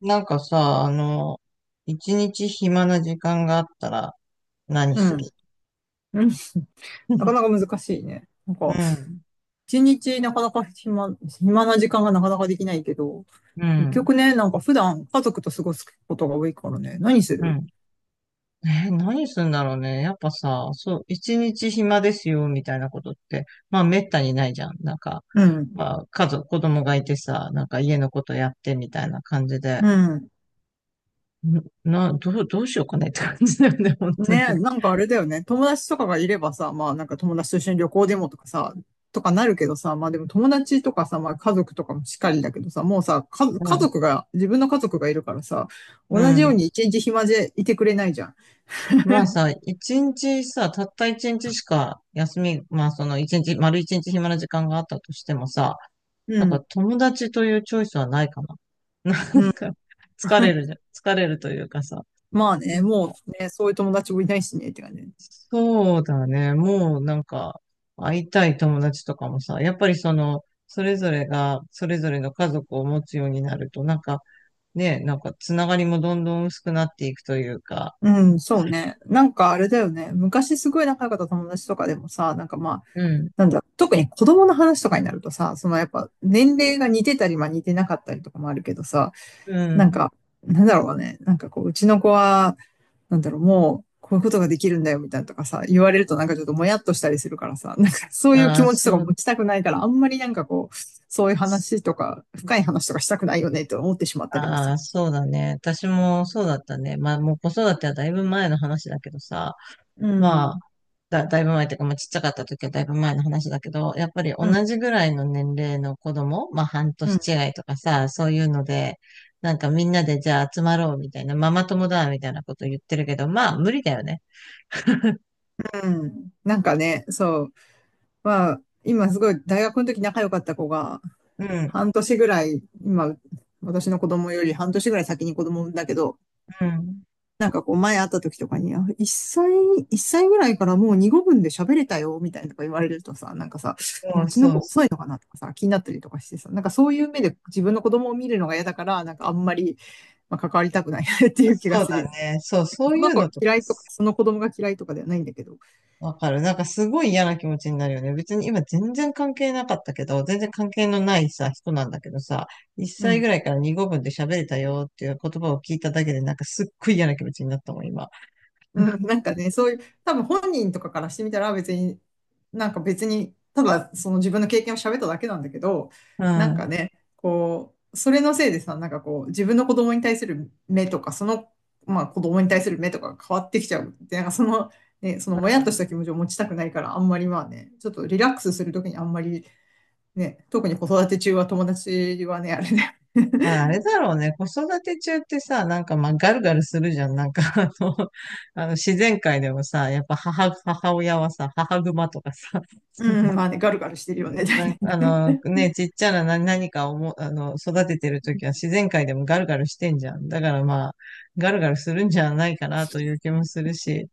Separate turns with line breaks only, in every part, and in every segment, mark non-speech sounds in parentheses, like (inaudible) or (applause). なんかさ、あの、一日暇な時間があったら何
う
す
ん。
る？
うん。なかなか
(laughs)
難しいね。なん
う
か、
ん、
一日なかなか暇な時間がなかなかできないけど、
う
結
ん、
局ね、なんか普段家族と過ごすことが多いからね、何す
う
る？
ん。何するんだろうね。やっぱさ、そう、一日暇ですよ、みたいなことって、まあ、めったにないじゃん。
うん。
まあ、家族、子供がいてさ、なんか家のことやってみたいな感じで、
うん。
んな、どう、どうしようかねって感じだよね、(laughs) 本当に。
ね、なんかあれだよね。友達とかがいればさ、まあなんか友達と一緒に旅行でもとかさ、とかなるけどさ、まあでも友達とかさ、まあ家族とかもしっかりだけどさ、もうさ、か、
う
家
ん、
族が、自分の家族がいるからさ、
う
同じよう
ん。
に一日暇でいてくれないじゃん。
まあさ、一日さ、たった一日しか休み、まあその一日、丸一日暇な時間があったとしてもさ、
う
なんか
ん。
友達というチョイスはないかな。(laughs) な
う
ん
ん。
か、疲れるじゃん。疲れるというかさ。
まあ
う
ね、
ん、
もうね、そういう友達もいないしね、って感じ。
そうだね。もうなんか、会いたい友達とかもさ、やっぱりその、それぞれが、それぞれの家族を持つようになると、なんか、ね、なんか、つながりもどんどん薄くなっていくというか、
うん、そうね。なんかあれだよね。昔すごい仲良かった友達とかでもさ、なんかまあ、
うん、
なんだ、特に子供の話とかになるとさ、そのやっぱ年齢が似てたり、まあ似てなかったりとかもあるけどさ、
う
なん
ん。
か、なんだろうね。なんかこう、うちの子は、なんだろう、もう、こういうことができるんだよ、みたいなとかさ、言われるとなんかちょっともやっとしたりするからさ、なんかそういう
あ
気
あ、
持ちとか
そう
持ちたくないから、あんまりなんかこう、そういう話とか、深い話とかしたくないよね、と思ってしまったりもす
ああ、
る。
そうだね。私もそうだったね。まあ、もう子育てはだいぶ前の話だけどさ、
う
まあ、
ん、
だいぶ前っていうか、まあ、ちっちゃかった時はだいぶ前の話だけど、やっぱり同
うん、
じぐらいの年齢の子供、まあ、半
う
年
ん、
違いとかさ、そういうので、なんかみんなでじゃあ集まろうみたいな、ママ友だみたいなこと言ってるけど、まあ、無理だよね。
うん。なんかね、そう。まあ、今すごい大学の時仲良かった子が、
うん、
半年ぐらい、今、私の子供より半年ぐらい先に子供産んだけど、
うん。
なんかこう前会った時とかに、あ一歳ぐらいからもう二語分で喋れたよ、みたいなとか言われるとさ、なんかさ、え
そ
う
う
ちの
そう、
子遅いのかなとかさ、気になったりとかしてさ、なんかそういう目で自分の子供を見るのが嫌だから、なんかあんまり、まあ、関わりたくない (laughs) っていう気が
そう
する
だ
よね。
ね。そう、そ
そ
うい
の
う
子が
のと
嫌いとか、その子供が嫌いとかではないんだけど。
わかる。なんかすごい嫌な気持ちになるよね。別に今全然関係なかったけど、全然関係のないさ、人なんだけどさ、1
う
歳
ん。
ぐらいから2語分で喋れたよっていう言葉を聞いただけで、なんかすっごい嫌な気持ちになったもん、今。
うん、なんかね、そういう、多分本人とかからしてみたら別に、なんか別に、ただその自分の経験を喋っただけなんだけど、
う
な
ん。
ん
う
か
ん。
ね、こう、それのせいでさ、なんかこう、自分の子供に対する目とか、その、まあ子供に対する目とかが変わってきちゃう。で、なんかその、ね、そのもやっとした気持ちを持ちたくないから、あんまりまあね、ちょっとリラックスするときにあんまりね、特に子育て中は友達はね、あれね、
あ、あ
(laughs)
れだろうね。子育て中ってさ、なんかまあガルガルするじゃん。なんか (laughs) あの、あの自然界でもさ、やっぱ母、母親はさ、母熊とかさ、なん
う
か、
ん、まあね、ガルガルしてるよね、
うん、
大
なん
体。
かあの、ね、ちっちゃな何何かをも、あの、育ててるときは自然界でもガルガルしてんじゃん。だからまあ、ガルガルするんじゃないかなという気もするし。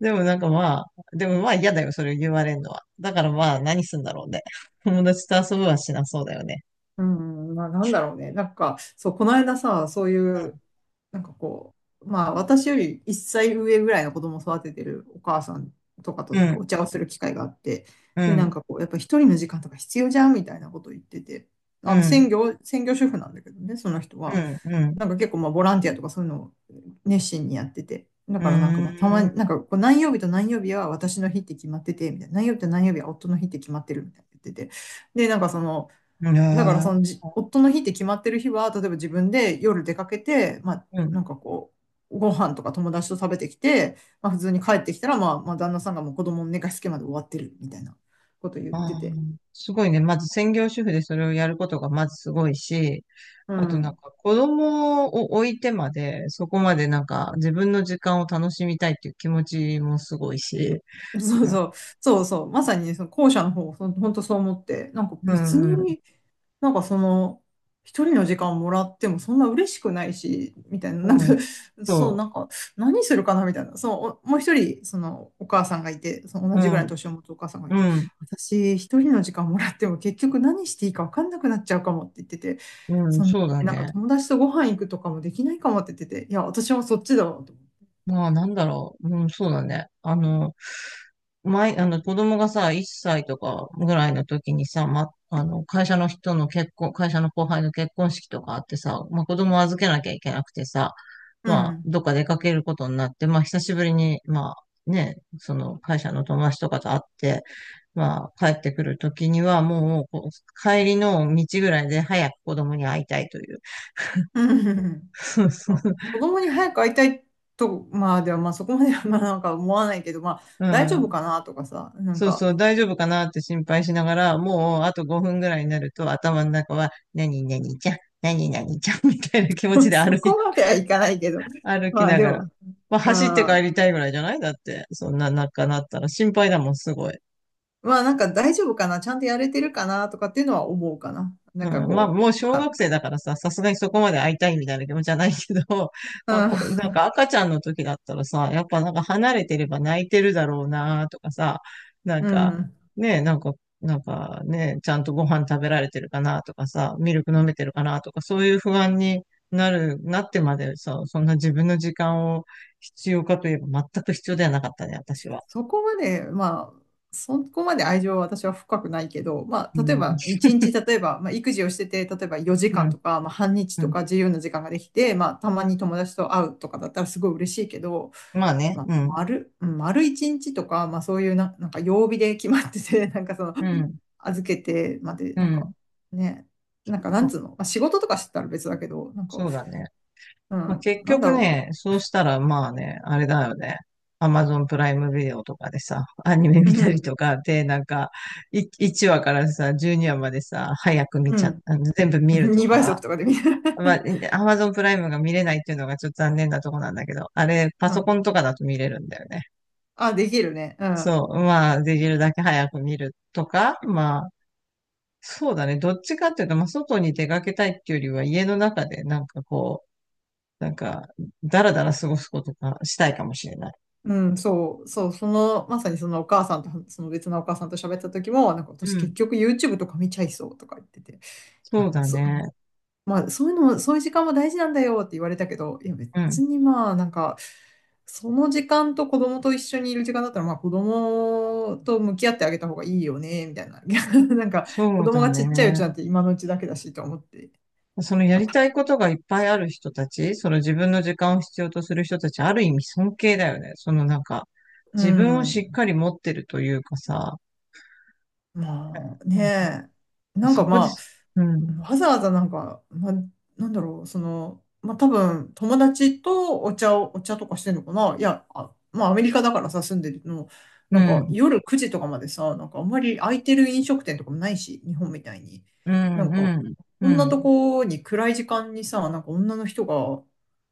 でもなんかまあ、でもまあ嫌だよ、それを言われるのは。だからまあ、何すんだろうね。(laughs) 友達と遊ぶはしなそうだよね。
うん、まあなんだろうね。なんか、そう、この間さ、そういう、なんかこう、まあ私より1歳上ぐらいの子供を育ててるお母さんとかと
う
なんか
ん、
お茶をする機会があって、
う
で、なん
ん、
かこう、やっぱ一人の時間とか必要じゃんみたいなことを言ってて、
うん、うん、
専業主婦なんだけどね、その人
う
は。
ん、うん、
なんか結構まあボランティアとかそういうのを熱心にやってて。だ
う
からなんかまあたまに、なんかこう何曜日と何曜日は私の日って決まってて、みたいな。何曜日と何曜日は夫の日って決まってるみたいな言ってて。で、なんかその、
ーん、い
だから
や
そ
ー、
の夫の日って決まってる日は、例えば自分で夜出かけて、まあ、
うん、
なんかこう、ご飯とか友達と食べてきて、まあ、普通に帰ってきたら、まあ、まあ、旦那さんがもう子供の寝かしつけまで終わってるみたいなこと言って
あ
て。
ー、すごいね。まず専業主婦でそれをやることがまずすごいし、
う
あとなんか
ん。
子供を置いてまで、そこまでなんか自分の時間を楽しみたいっていう気持ちもすごいし、
(laughs) そう
うん、
そう、そうそう、まさにその後者の方、その本当そう思って、なんか
う
別
ん、
になんかその、一人の時間もらってもそんな嬉しくないし、みたいな、なん
う
か、
ん、
そう、
そ
なんか、何するかなみたいな、そう、おもう一人、その、お母さんがいて、その
う、
同
う
じぐらいの
ん、
年を持つお母さんがい
う
て、
ん、
私、一人の時間もらっても結局何していいか分かんなくなっちゃうかもって言ってて、
うん、
その、
そうだ
なんか
ね。
友達とご飯行くとかもできないかもって言ってて、いや、私もそっちだわ、と思って。
まあ、なんだろう。うん、そうだね。前、あの、子供がさ、1歳とかぐらいの時にさ、ま、あの、会社の後輩の結婚式とかあってさ、まあ、子供を預けなきゃいけなくてさ、
う
まあ、
ん。
どっか出かけることになって、まあ、久しぶりに、まあ、ね、その会社の友達とかと会って、まあ、帰ってくる時には、もう、こう帰りの道ぐらいで早く子供に会いたいという。
うん。まあ子
(laughs)
供に早く会いたいと、まあでもまあそこまではまあなんか思わないけど、まあ
う
大丈夫
ん、
かなとかさ、なん
そう
か
そう、大丈夫かなって心配しながら、もうあと5分ぐらいになると頭の中は、何々ちゃん、何々ちゃん (laughs) みたいな気持ち
(laughs)
で
そこまではいかないけど、
(laughs) 歩き
まあ
な
で
がら。
も、
まあ、走って
あ
帰
ー
りたいぐらいじゃないだって、そんな中なったら心配だもん、すごい。
まあなんか大丈夫かな、ちゃんとやれてるかなとかっていうのは思うかな。な
う
んか
ん、まあ、
こ
もう小学生だからさ、さすがにそこまで会いたいみたいな気持ちじゃないけど、(laughs)
う、
まあ、こ
うん、
なんか赤ちゃんの時だったらさ、やっぱなんか離れてれば泣いてるだろうなとかさ、なん
う
か、
ん。
ねえ、なんか、なんかね、ちゃんとご飯食べられてるかなとかさ、ミルク飲めてるかなとか、そういう不安になる、なってまでさ、そんな自分の時間を必要かといえば全く必要ではなかったね、私は。
そこまで、まあ、そこまで愛情は私は深くないけど、ま
う
あ、例え
ん、
ば、一日、例えば、まあ、育児をしてて、例えば4
う
時間
ん、
とか、まあ、半日
う
と
ん。
か自由な時間ができて、まあ、たまに友達と会うとかだったらすごい嬉しいけど、
まあね、
まあ、
うん、
丸一日とか、まあ、そういうな、なんか曜日で決まってて、(laughs) なんかその、
うん、
預けてまで、
う
なんか
ん。
ね、なんかなんつうの、まあ、仕事とかしてたら別だけど、なんか、
そうだね。
う
まあ、
ん、
結
なんだ
局
ろ
ね、そうしたらまあね、あれだよね。アマゾンプライムビデオとかでさ、アニメ
う、う
見たり
ん、
とかで、1話からさ、12話までさ、早く見
う
ちゃっ、
ん、
あの全部見ると
2倍
か。
速とかで見る。
まあ、
(laughs)
アマゾンプライムが見れないっていうのがちょっと残念なとこなんだけど、あれ、パ
う
ソ
ん。
コンとかだと見れるんだよね。
あ、できるね。う
そう、
ん。
まあ、できるだけ早く見るとか、まあ、そうだね。どっちかっていうと、まあ、外に出かけたいっていうよりは、家の中でなんかこう、なんか、だらだら過ごすことがしたいかもしれない。
うん、そう、そう、その、まさにそのお母さんと、その別のお母さんと喋った時も、なんか
う
私結
ん。
局 YouTube とか見ちゃいそうとか言ってて、いや、
そう
まあ、
だ
そう、
ね。
まあ、そういうのも、そういう時間も大事なんだよって言われたけど、いや、
うん。
別にまあ、なんか、その時間と子供と一緒にいる時間だったら、まあ、子供と向き合ってあげた方がいいよね、みたいな。(laughs) なんか、子
そう
供
だ
がちっちゃいう
ね。
ちなんて今のうちだけだしと思って。
そのやりたいことがいっぱいある人たち、その自分の時間を必要とする人たち、ある意味尊敬だよね。そのなんか、
う
自分をしっ
ん。
かり持ってるというかさ、
まあ
な
ね
んか
え、なんか
そこで
ま
す。うん、
あ、わざわざなんか、ま、なんだろう、その、まあ、多分友達とお茶を、お茶とかしてんのかな。いや、あ、まあ、アメリカだからさ、住んでるの、
う
なんか
ん、
夜9時とかまでさ、なんかあんまり空いてる飲食店とかもないし、日本みたいに。
う
なん
ん、う
か、
ん、う
こんなと
ん、
こに暗い時間にさ、なんか女の人が、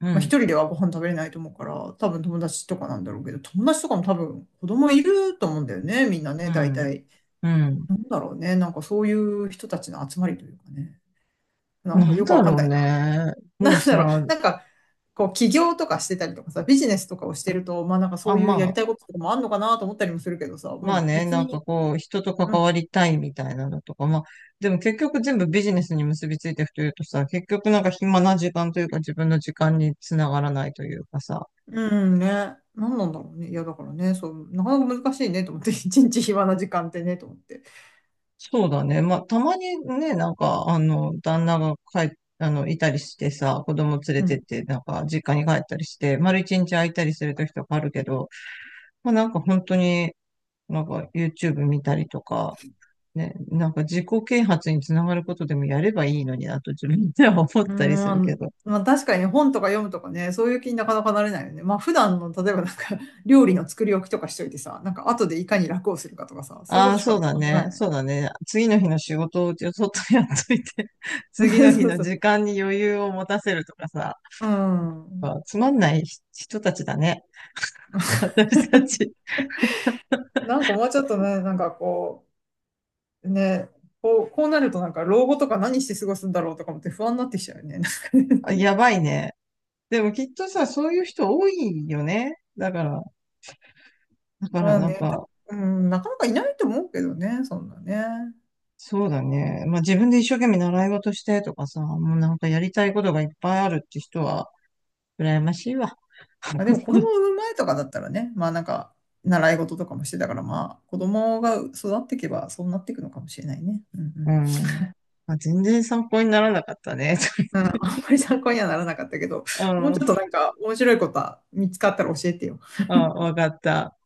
う
まあ、一
ん、
人ではご飯食べれないと思うから、多分友達とかなんだろうけど、友達とかも多分子供いると思うんだよね、みんな
う
ね、大
ん、
体。
うん。
なんだろうね、なんかそういう人たちの集まりというかね。なんか
なん
よく
だ
わかん
ろ
な
う
いな。
ね。
(laughs)
もう
なんだろう、
さ、
なんか、こう、起業とかしてたりとかさ、ビジネスとかをしてると、まあなんかそ
あ、
ういう
ま
やり
あ、
たいこととかもあんのかなと思ったりもするけどさ、ま
ま
あ
あね、
別
なんか
に、
こう、人と
う
関わ
ん、
りたいみたいなのとか、まあ、でも結局全部ビジネスに結びついていくというとさ、結局なんか暇な時間というか自分の時間につながらないというかさ、
うん。ね、なんなんだろうね。いや、だからね、そう、なかなか難しいねと思って、(laughs) 一日暇な時間ってね、と思って。
そうだね。まあ、たまにね、なんか、あの、旦那が帰っ、あの、いたりしてさ、子供連れ
う
て
ん。
って、なんか、実家に帰ったりして、丸一日空いたりする時とかあるけど、まあなんか本当に、なんか YouTube 見たりとか、ね、なんか自己啓発につながることでもやればいいのになと自分では思っ
う
たりするけ
ん、
ど。
まあ確かにね本とか読むとかね、そういう気になかなかなれないよね。まあ普段の、例えばなんか、(laughs) 料理の作り置きとかしといてさ、なんか後でいかに楽をするかとかさ、そういうこ
あ
と
あ、
し
そう
か
だ
考えな
ね。
い。
そうだね。次の日の仕事をちょっとやっといて、(laughs)
(laughs)
次の日
そう
の
そう。
時間に余裕を持たせるとかさ、
うん。
あ、つまんない人たちだね。(laughs) 私た
(laughs)
ち。
なんかもうちょっとね、なんかこう、ね、こう、こうなるとなんか老後とか何して過ごすんだろうとかもって不安になってきちゃうよね。
あ、
(laughs)
やばいね。でもきっとさ、そういう人多いよね。だから、だから
まあ
なん
ね、と、
か、
うん、なかなかいないと思うけどね、そんなね。
そうだね。まあ自分で一生懸命習い事してとかさ、もうなんかやりたいことがいっぱいあるって人は、羨ましいわ。
まあ、でも子供
(laughs)
を産む前とかだったらね、まあなんか習い事とかもしてたからまあ子供が育っていけばそうなっていくのかもしれないね。うんうん。
うん。まあ、全然参考にならなかったね。(laughs)
うん、あんまり参考にはならなかったけど、もう
う
ちょっと
ん。
なんか面白いことは見つかったら教えてよ。
あ、わかった。